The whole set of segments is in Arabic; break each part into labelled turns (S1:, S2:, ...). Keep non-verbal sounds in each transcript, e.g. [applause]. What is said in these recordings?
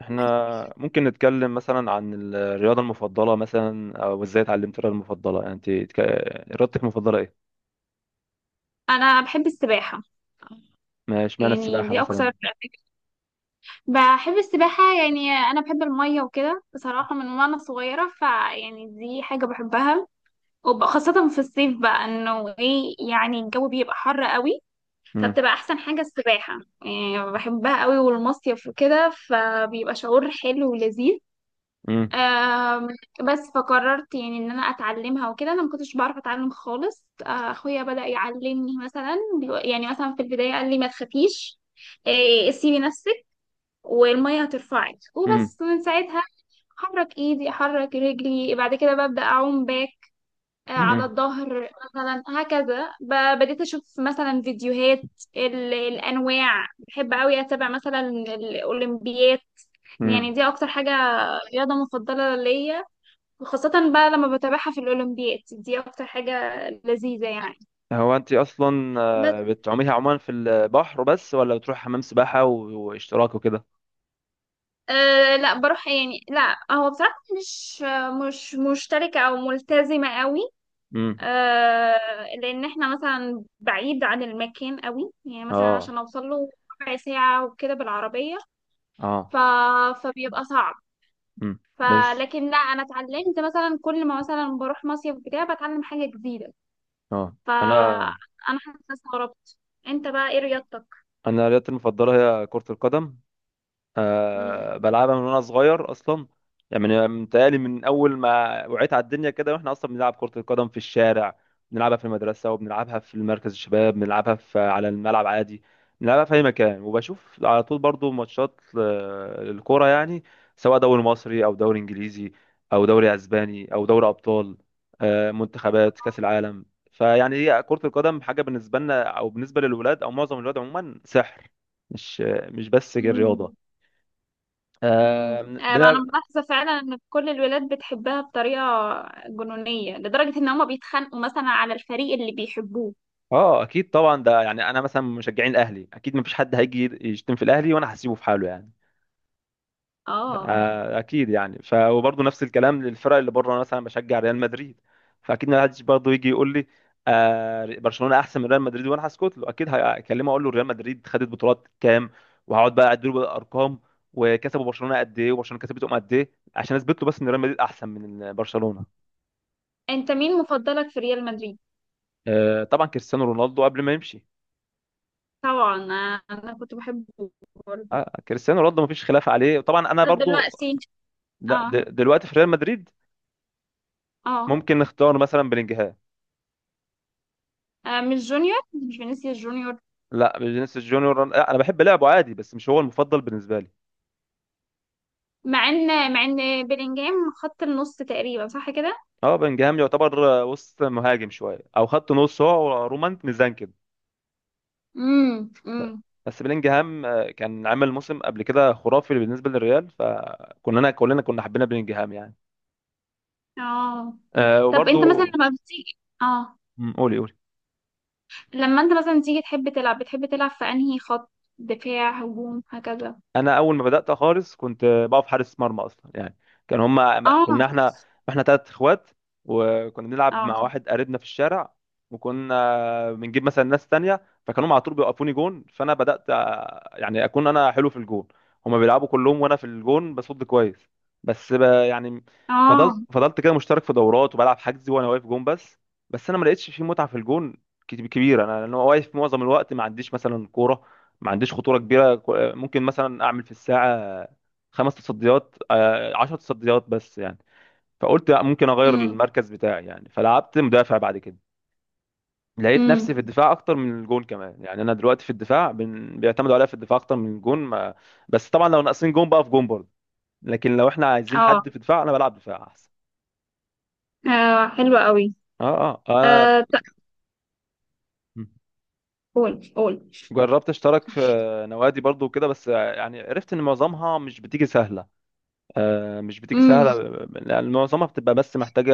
S1: احنا ممكن نتكلم مثلا عن الرياضة المفضلة مثلا او ازاي اتعلمت الرياضة المفضلة يعني رياضتك المفضلة ايه؟
S2: انا بحب السباحه.
S1: ما اشمعنى
S2: يعني
S1: السباحة
S2: دي
S1: مثلا؟
S2: اكتر بحب السباحه، يعني انا بحب الميه وكده بصراحه من وانا صغيره، فيعني دي حاجه بحبها، وخاصه في الصيف بقى انه ايه يعني الجو بيبقى حر قوي.
S1: مم.
S2: فبتبقى احسن حاجه السباحه، يعني بحبها قوي والمصيف وكده، فبيبقى شعور حلو ولذيذ.
S1: مم.
S2: آم، بس فقررت يعني ان انا اتعلمها وكده. انا ما كنتش بعرف اتعلم خالص. اخويا بدأ يعلمني، مثلا يعني مثلا في البداية قال لي ما تخافيش. سيبي نفسك والمية هترفعك.
S1: مم.
S2: وبس من ساعتها احرك ايدي احرك رجلي بعد كده ببدأ اعوم باك. على
S1: مم.
S2: الظهر مثلا، هكذا. بديت اشوف مثلا فيديوهات الانواع. بحب قوي اتابع مثلا الاولمبيات.
S1: مم.
S2: يعني دي اكتر حاجة، رياضة مفضلة ليا. وخاصة بقى لما بتابعها في الأولمبياد، دي أكتر حاجة لذيذة يعني.
S1: هو انت اصلا
S2: بس
S1: بتعوميها عموما في البحر بس ولا بتروح حمام سباحة واشتراك وكده؟
S2: أه لا بروح، يعني لا هو بصراحة مش مشتركة أو ملتزمة قوي.
S1: مم.
S2: أه لأن احنا مثلا بعيد عن المكان قوي، يعني مثلا
S1: اه
S2: عشان أوصل له ربع ساعة وكده بالعربية. ف...
S1: اه.
S2: فبيبقى صعب.
S1: مم. بس
S2: فلكن لا، أنا اتعلمت مثلا كل ما مثلا بروح مصيف بتاع بتعلم حاجة جديدة.
S1: اه انا
S2: فأنا حاسة استغربت. أنت بقى إيه رياضتك؟
S1: انا رياضتي المفضلة هي كرة القدم.
S2: مم.
S1: أه، بلعبها من وانا صغير اصلا. يعني متهيألي من اول ما وعيت على الدنيا كده واحنا اصلا بنلعب كرة القدم في الشارع، بنلعبها في المدرسة، وبنلعبها في مركز الشباب، بنلعبها في على الملعب عادي، بنلعبها في اي مكان، وبشوف على طول برضو ماتشات للكرة يعني، سواء دوري مصري او دوري انجليزي او دوري اسباني او دوري ابطال، منتخبات كاس العالم. فيعني هي كرة القدم حاجة بالنسبة لنا او بالنسبة للولاد او معظم الولاد عموما سحر، مش مش بس رياضة.
S2: مم.
S1: آه.
S2: انا
S1: بنلعب.
S2: ملاحظه فعلا ان كل الولاد بتحبها بطريقه جنونيه لدرجه ان هما بيتخانقوا مثلا على الفريق اللي بيحبوه.
S1: اه اكيد طبعا، ده يعني انا مثلا مشجعين الاهلي، اكيد مفيش حد هيجي يشتم في الاهلي وانا هسيبه في حاله يعني.
S2: اه،
S1: آه اكيد يعني وبرضه نفس الكلام للفرق اللي بره، انا مثلا بشجع ريال مدريد. فاكيد ما حدش برضه يجي يقول لي آه برشلونه احسن من ريال مدريد وانا هسكت له، اكيد هكلمه اقول له ريال مدريد خدت بطولات كام، وهقعد بقى اديله بقى الارقام، وكسبوا برشلونه قد ايه وبرشلونه كسبتهم قد ايه، عشان اثبت له بس ان ريال مدريد احسن من برشلونه.
S2: انت مين مفضلك في ريال مدريد؟
S1: آه طبعا كريستيانو رونالدو قبل ما يمشي.
S2: طبعا انا كنت بحبه برضه.
S1: كريستيانو رونالدو مفيش خلاف عليه طبعا انا
S2: طب
S1: برضو.
S2: دلوقتي.
S1: لا
S2: اه
S1: دلوقتي في ريال مدريد
S2: اه.
S1: ممكن نختار مثلا بلينجهام.
S2: مش جونيور، مش فينيسيوس جونيور.
S1: لا فينيسيوس جونيور، لا انا بحب لعبه عادي بس مش هو المفضل بالنسبه لي.
S2: مع ان بيلينجهام خط النص تقريبا، صح كده؟
S1: اه بلينجهام يعتبر وسط مهاجم شويه او خط نص، هو ورومان ميزان كده.
S2: امم امم
S1: بس بلينجهام كان عامل موسم قبل كده خرافي بالنسبه للريال، فكلنا كنا حبينا بلينجهام يعني.
S2: اه. طب انت مثلا
S1: وبرضو.
S2: لما بتيجي، اه،
S1: مم، قولي قولي.
S2: لما انت مثلا تيجي تحب تلعب، بتحب تلعب في انهي خط؟ دفاع، هجوم، هكذا؟
S1: انا اول ما بدات خالص كنت بقف حارس مرمى اصلا يعني. كان هما
S2: اه
S1: كنا احنا 3 اخوات، وكنا بنلعب
S2: اه
S1: مع واحد قريبنا في الشارع. وكنا بنجيب مثلا ناس تانية فكانوا على طول بيوقفوني جون، فانا بدات يعني اكون انا حلو في الجون. هما بيلعبوا كلهم وانا في الجون بصد كويس. بس يعني فضلت
S2: اه.
S1: فضلت كده مشترك في دورات وبلعب حجزي وانا واقف جون بس. بس انا ما لقيتش في متعه في الجون كبيره، انا لأن هو واقف معظم الوقت ما عنديش مثلا كوره، ما عنديش خطوره كبيره، ممكن مثلا اعمل في الساعه 5 تصديات، 10 تصديات بس يعني. فقلت لأ، ممكن اغير
S2: امم
S1: المركز بتاعي يعني، فلعبت مدافع بعد كده. لقيت نفسي في
S2: امم
S1: الدفاع اكتر من الجون كمان يعني، انا دلوقتي في الدفاع بيعتمدوا عليا في الدفاع اكتر من الجون ما. بس طبعا لو ناقصين جون بقى في جون برضه، لكن لو احنا عايزين
S2: اه.
S1: حد في دفاع انا بلعب دفاع احسن.
S2: حلوة قوي.
S1: اه اه. انا
S2: آه ت- قول قول.
S1: جربت اشترك في نوادي برضه وكده، بس يعني عرفت ان معظمها مش بتيجي سهله، مش بتيجي
S2: امم
S1: سهلة يعني، معظمها بتبقى بس محتاجة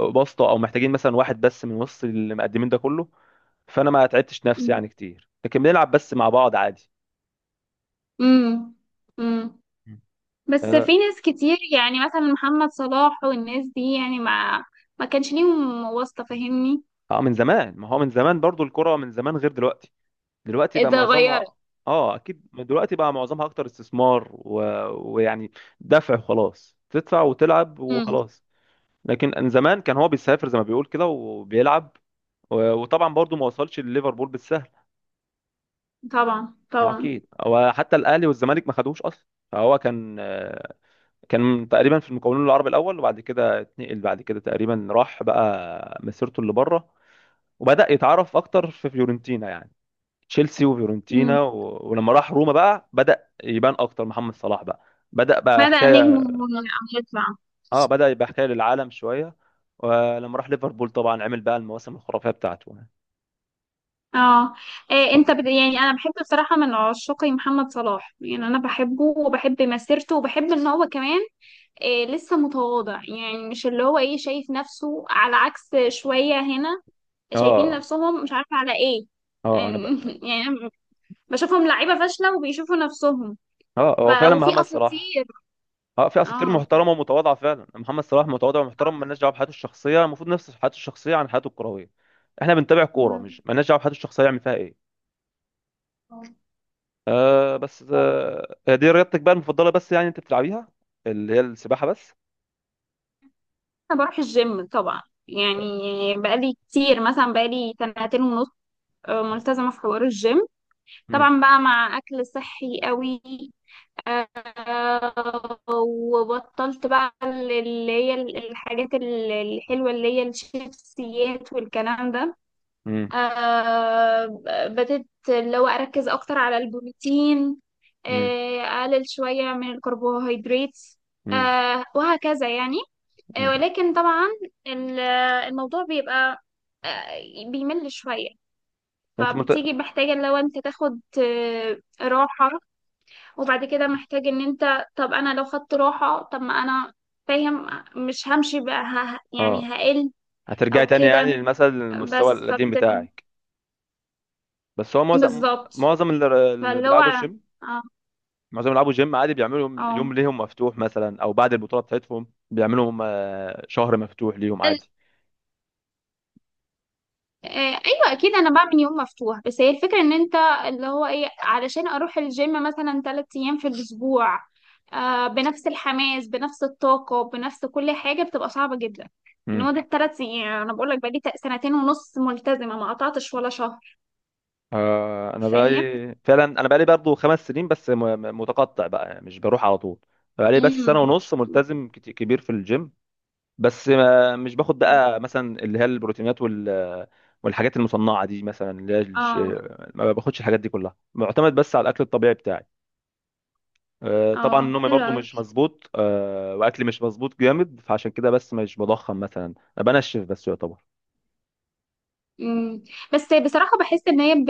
S1: بسطة أو محتاجين مثلا واحد بس من وسط المقدمين ده كله، فأنا ما تعبتش نفسي يعني كتير، لكن بنلعب بس مع بعض عادي.
S2: امم امم.
S1: مم.
S2: بس
S1: اه.
S2: في ناس كتير يعني مثلا محمد صلاح والناس دي، يعني ما كانش ليهم واسطة، فاهمني؟
S1: من زمان، ما هو من زمان برضو الكرة من زمان غير دلوقتي، دلوقتي بقى
S2: اتغيرت.
S1: معظمها. اه اكيد دلوقتي بقى معظمها اكتر استثمار ويعني دفع وخلاص، تدفع وتلعب
S2: امم.
S1: وخلاص. لكن من زمان كان هو بيسافر زي ما بيقول كده وبيلعب، وطبعا برضو ما وصلش لليفربول بالسهل.
S2: طبعا
S1: اه
S2: طبعا.
S1: اكيد هو حتى الاهلي والزمالك ما خدوش اصلا. فهو كان تقريبا في المكونين العرب الاول، وبعد كده اتنقل، بعد كده تقريبا راح بقى مسيرته اللي بره، وبدا يتعرف اكتر في فيورنتينا يعني. تشيلسي
S2: امم.
S1: وفيورنتينا، ولما راح روما بقى بدا يبان اكتر محمد صلاح بقى، بدا بقى
S2: بدأ نجم
S1: حكايه.
S2: هيطلع.
S1: اه بدا يبقى حكايه للعالم شويه، ولما راح ليفربول طبعا عمل بقى المواسم الخرافيه بتاعته يعني.
S2: اه. إيه انت يعني انا بحب بصراحه، من عشاق محمد صلاح. يعني انا بحبه وبحب مسيرته، وبحب ان هو كمان إيه لسه متواضع. يعني مش اللي هو ايه شايف نفسه، على عكس شويه هنا شايفين
S1: اه
S2: نفسهم، مش عارفه على ايه
S1: اه.
S2: يعني.
S1: انا بقى.
S2: [laughs] يعني أنا بشوفهم لعيبه فاشله وبيشوفوا نفسهم.
S1: اه
S2: ف...
S1: هو فعلا
S2: وفي
S1: محمد صلاح.
S2: اساطير.
S1: اه، في اساطير
S2: اه
S1: محترمه ومتواضعه فعلا، محمد صلاح متواضع ومحترم، مالناش دعوه بحياته الشخصيه، المفروض نفس حياته الشخصيه عن حياته الكرويه. احنا بنتابع كوره،
S2: اه.
S1: مش مالناش دعوه بحياته الشخصيه يعمل فيها ايه. بس، دي رياضتك بقى المفضله، بس يعني انت بتلعبيها اللي هي السباحه بس؟
S2: انا بروح الجيم طبعا. يعني بقالي كتير، مثلا بقالي سنتين ونص. ملتزمه في حوار الجيم،
S1: مم.
S2: طبعا بقى مع اكل صحي قوي. آه، وبطلت بقى اللي هي الحاجات الحلوة اللي هي الشيبسيات والكلام ده.
S1: مم.
S2: بدأت اللي هو أركز أكتر على البروتين.
S1: مم.
S2: أقلل شوية من الكربوهيدرات.
S1: مم.
S2: وهكذا يعني.
S1: مم.
S2: ولكن طبعا ال- الموضوع بيبقى بيمل شوية.
S1: انت مت...
S2: فبتيجي محتاجة لو انت تاخد راحة. وبعد كده محتاج ان انت، طب انا لو خدت راحة طب ما انا فاهم، مش همشي بقى يعني
S1: اه،
S2: هقل
S1: هترجعي
S2: او
S1: تاني يعني
S2: كده.
S1: للمثل المستوى
S2: بس
S1: القديم بتاعك. بس هو معظم
S2: بالظبط.
S1: معظم اللي
S2: فاللي هو
S1: بيلعبوا الجيم،
S2: اه
S1: معظم بيلعبوا جيم عادي بيعملوا يوم يوم
S2: اه
S1: ليهم مفتوح مثلا، او بعد البطوله بتاعتهم بيعملوا هم شهر مفتوح ليهم
S2: ال-
S1: عادي.
S2: آه، ايوه اكيد انا بعمل يوم مفتوح. بس هي الفكره ان انت، اللي هو ايه، علشان اروح الجيم مثلا 3 ايام في الاسبوع، بنفس الحماس بنفس الطاقه بنفس كل حاجه، بتبقى صعبه جدا. ان
S1: امم
S2: هو ده الثلاث ايام، انا بقول لك بقالي سنتين ونص ملتزمه ما قطعتش ولا شهر،
S1: انا
S2: فاهم؟
S1: بقالي فعلا، انا بقالي برضه 5 سنين بس، متقطع بقى يعني مش بروح على طول، بقالي بس سنه
S2: امم.
S1: ونص ملتزم كبير في الجيم. بس ما مش باخد بقى مثلا اللي هي البروتينات والحاجات المصنعه دي مثلا،
S2: اه
S1: ما باخدش الحاجات دي كلها، معتمد بس على الاكل الطبيعي بتاعي. طبعا
S2: اه،
S1: نومي
S2: حلو
S1: برضو
S2: قوي.
S1: مش مظبوط، واكلي مش مظبوط جامد، فعشان كده بس مش بضخم مثلا، أنا بنشف بس يعتبر.
S2: بس بصراحة بحس ان هي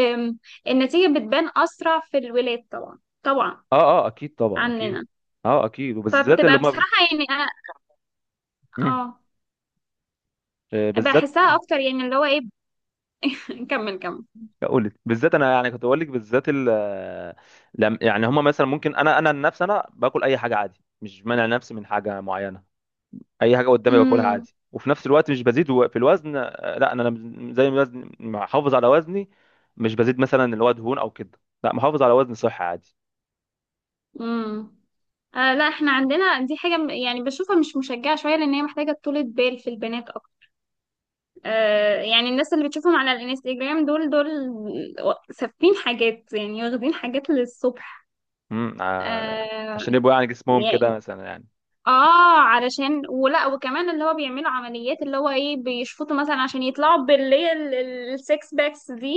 S2: النتيجة بتبان اسرع في الولاد، طبعا طبعا
S1: اه اه اكيد طبعا اكيد.
S2: عننا.
S1: اه اكيد، وبالذات اللي
S2: فبتبقى
S1: هم.
S2: بصراحة يعني
S1: مم.
S2: اه
S1: بالذات.
S2: بحسها اكتر، يعني اللي هو ايه. [laughs] نكمل كمل.
S1: اقول لك بالذات انا يعني، كنت بقول لك بالذات ال آه، يعني هم مثلا ممكن، انا عن نفسي انا باكل اي حاجه عادي، مش مانع نفسي من حاجه معينه، اي حاجه قدامي باكلها
S2: امم
S1: عادي، وفي نفس الوقت مش بزيد في الوزن، لا انا زي ما وزن محافظ على وزني، مش بزيد مثلا اللي هو دهون او كده، لا محافظ على وزن صحي عادي.
S2: امم. لا احنا عندنا دي حاجة يعني بشوفها مش مشجعة شوية، لان هي محتاجة طولة بال في البنات اكتر. يعني الناس اللي بتشوفهم على الانستجرام، دول سافين حاجات يعني، واخدين حاجات للصبح.
S1: امم.
S2: آه
S1: عشان يبقوا يعني جسمهم
S2: يعني
S1: كده مثلا يعني.
S2: اه علشان ولا وكمان اللي هو بيعملوا عمليات اللي هو ايه، بيشفطوا مثلا عشان يطلعوا باللي هي السكس باكس دي،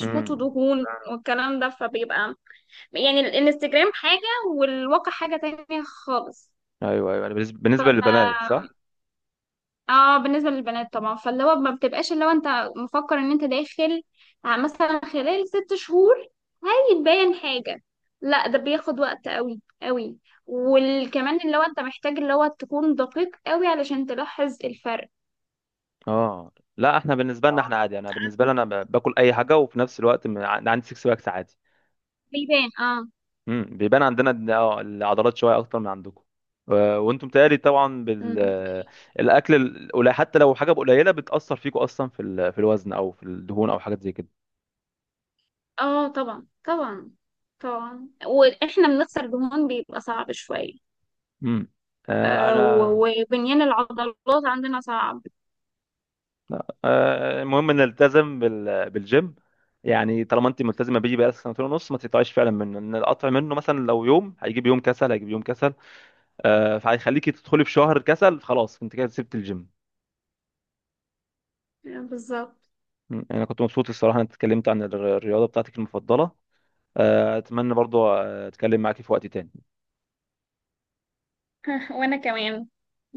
S1: امم
S2: دهون والكلام ده. فبيبقى يعني الانستجرام حاجة والواقع حاجة تانية خالص.
S1: ايوه ايوه، يعني بالنسبة للبنات صح.
S2: اه بالنسبة للبنات طبعا، فاللي هو ما بتبقاش اللي هو انت مفكر ان انت داخل مثلا خلال 6 شهور هيتبين حاجة. لا ده بياخد وقت قوي قوي، وكمان اللي هو انت محتاج اللي هو تكون دقيق قوي علشان تلاحظ الفرق.
S1: اه لا احنا بالنسبه لنا احنا عادي، انا بالنسبه لي انا باكل اي حاجه، وفي نفس الوقت عندي سكس باكس عادي.
S2: بيبان اه.
S1: بيبان عندنا العضلات شويه اكتر من عندكم، وانتم تقالي طبعا
S2: مم.
S1: بالاكل القليل، حتى لو حاجه قليله بتاثر فيكم اصلا في في الوزن او في الدهون او حاجات زي كده.
S2: اه طبعا طبعا. طبعا واحنا بنخسر دهون بيبقى صعب شوية.
S1: امم انا.
S2: وبنيان العضلات عندنا صعب.
S1: المهم نلتزم بالجيم، يعني طالما انت ملتزمه بيه بقى سنتين ونص ما تقطعيش فعلا منه، ان القطع منه مثلا لو يوم هيجيب يوم كسل، هيجيب يوم كسل، فهيخليكي تدخلي في شهر كسل خلاص، انت كده سبت الجيم.
S2: بالظبط.
S1: يعني انا كنت مبسوط الصراحه ان انا اتكلمت عن الرياضه بتاعتك المفضله، اتمنى برضو اتكلم معاكي في وقت تاني.
S2: [laughs] وانا كمان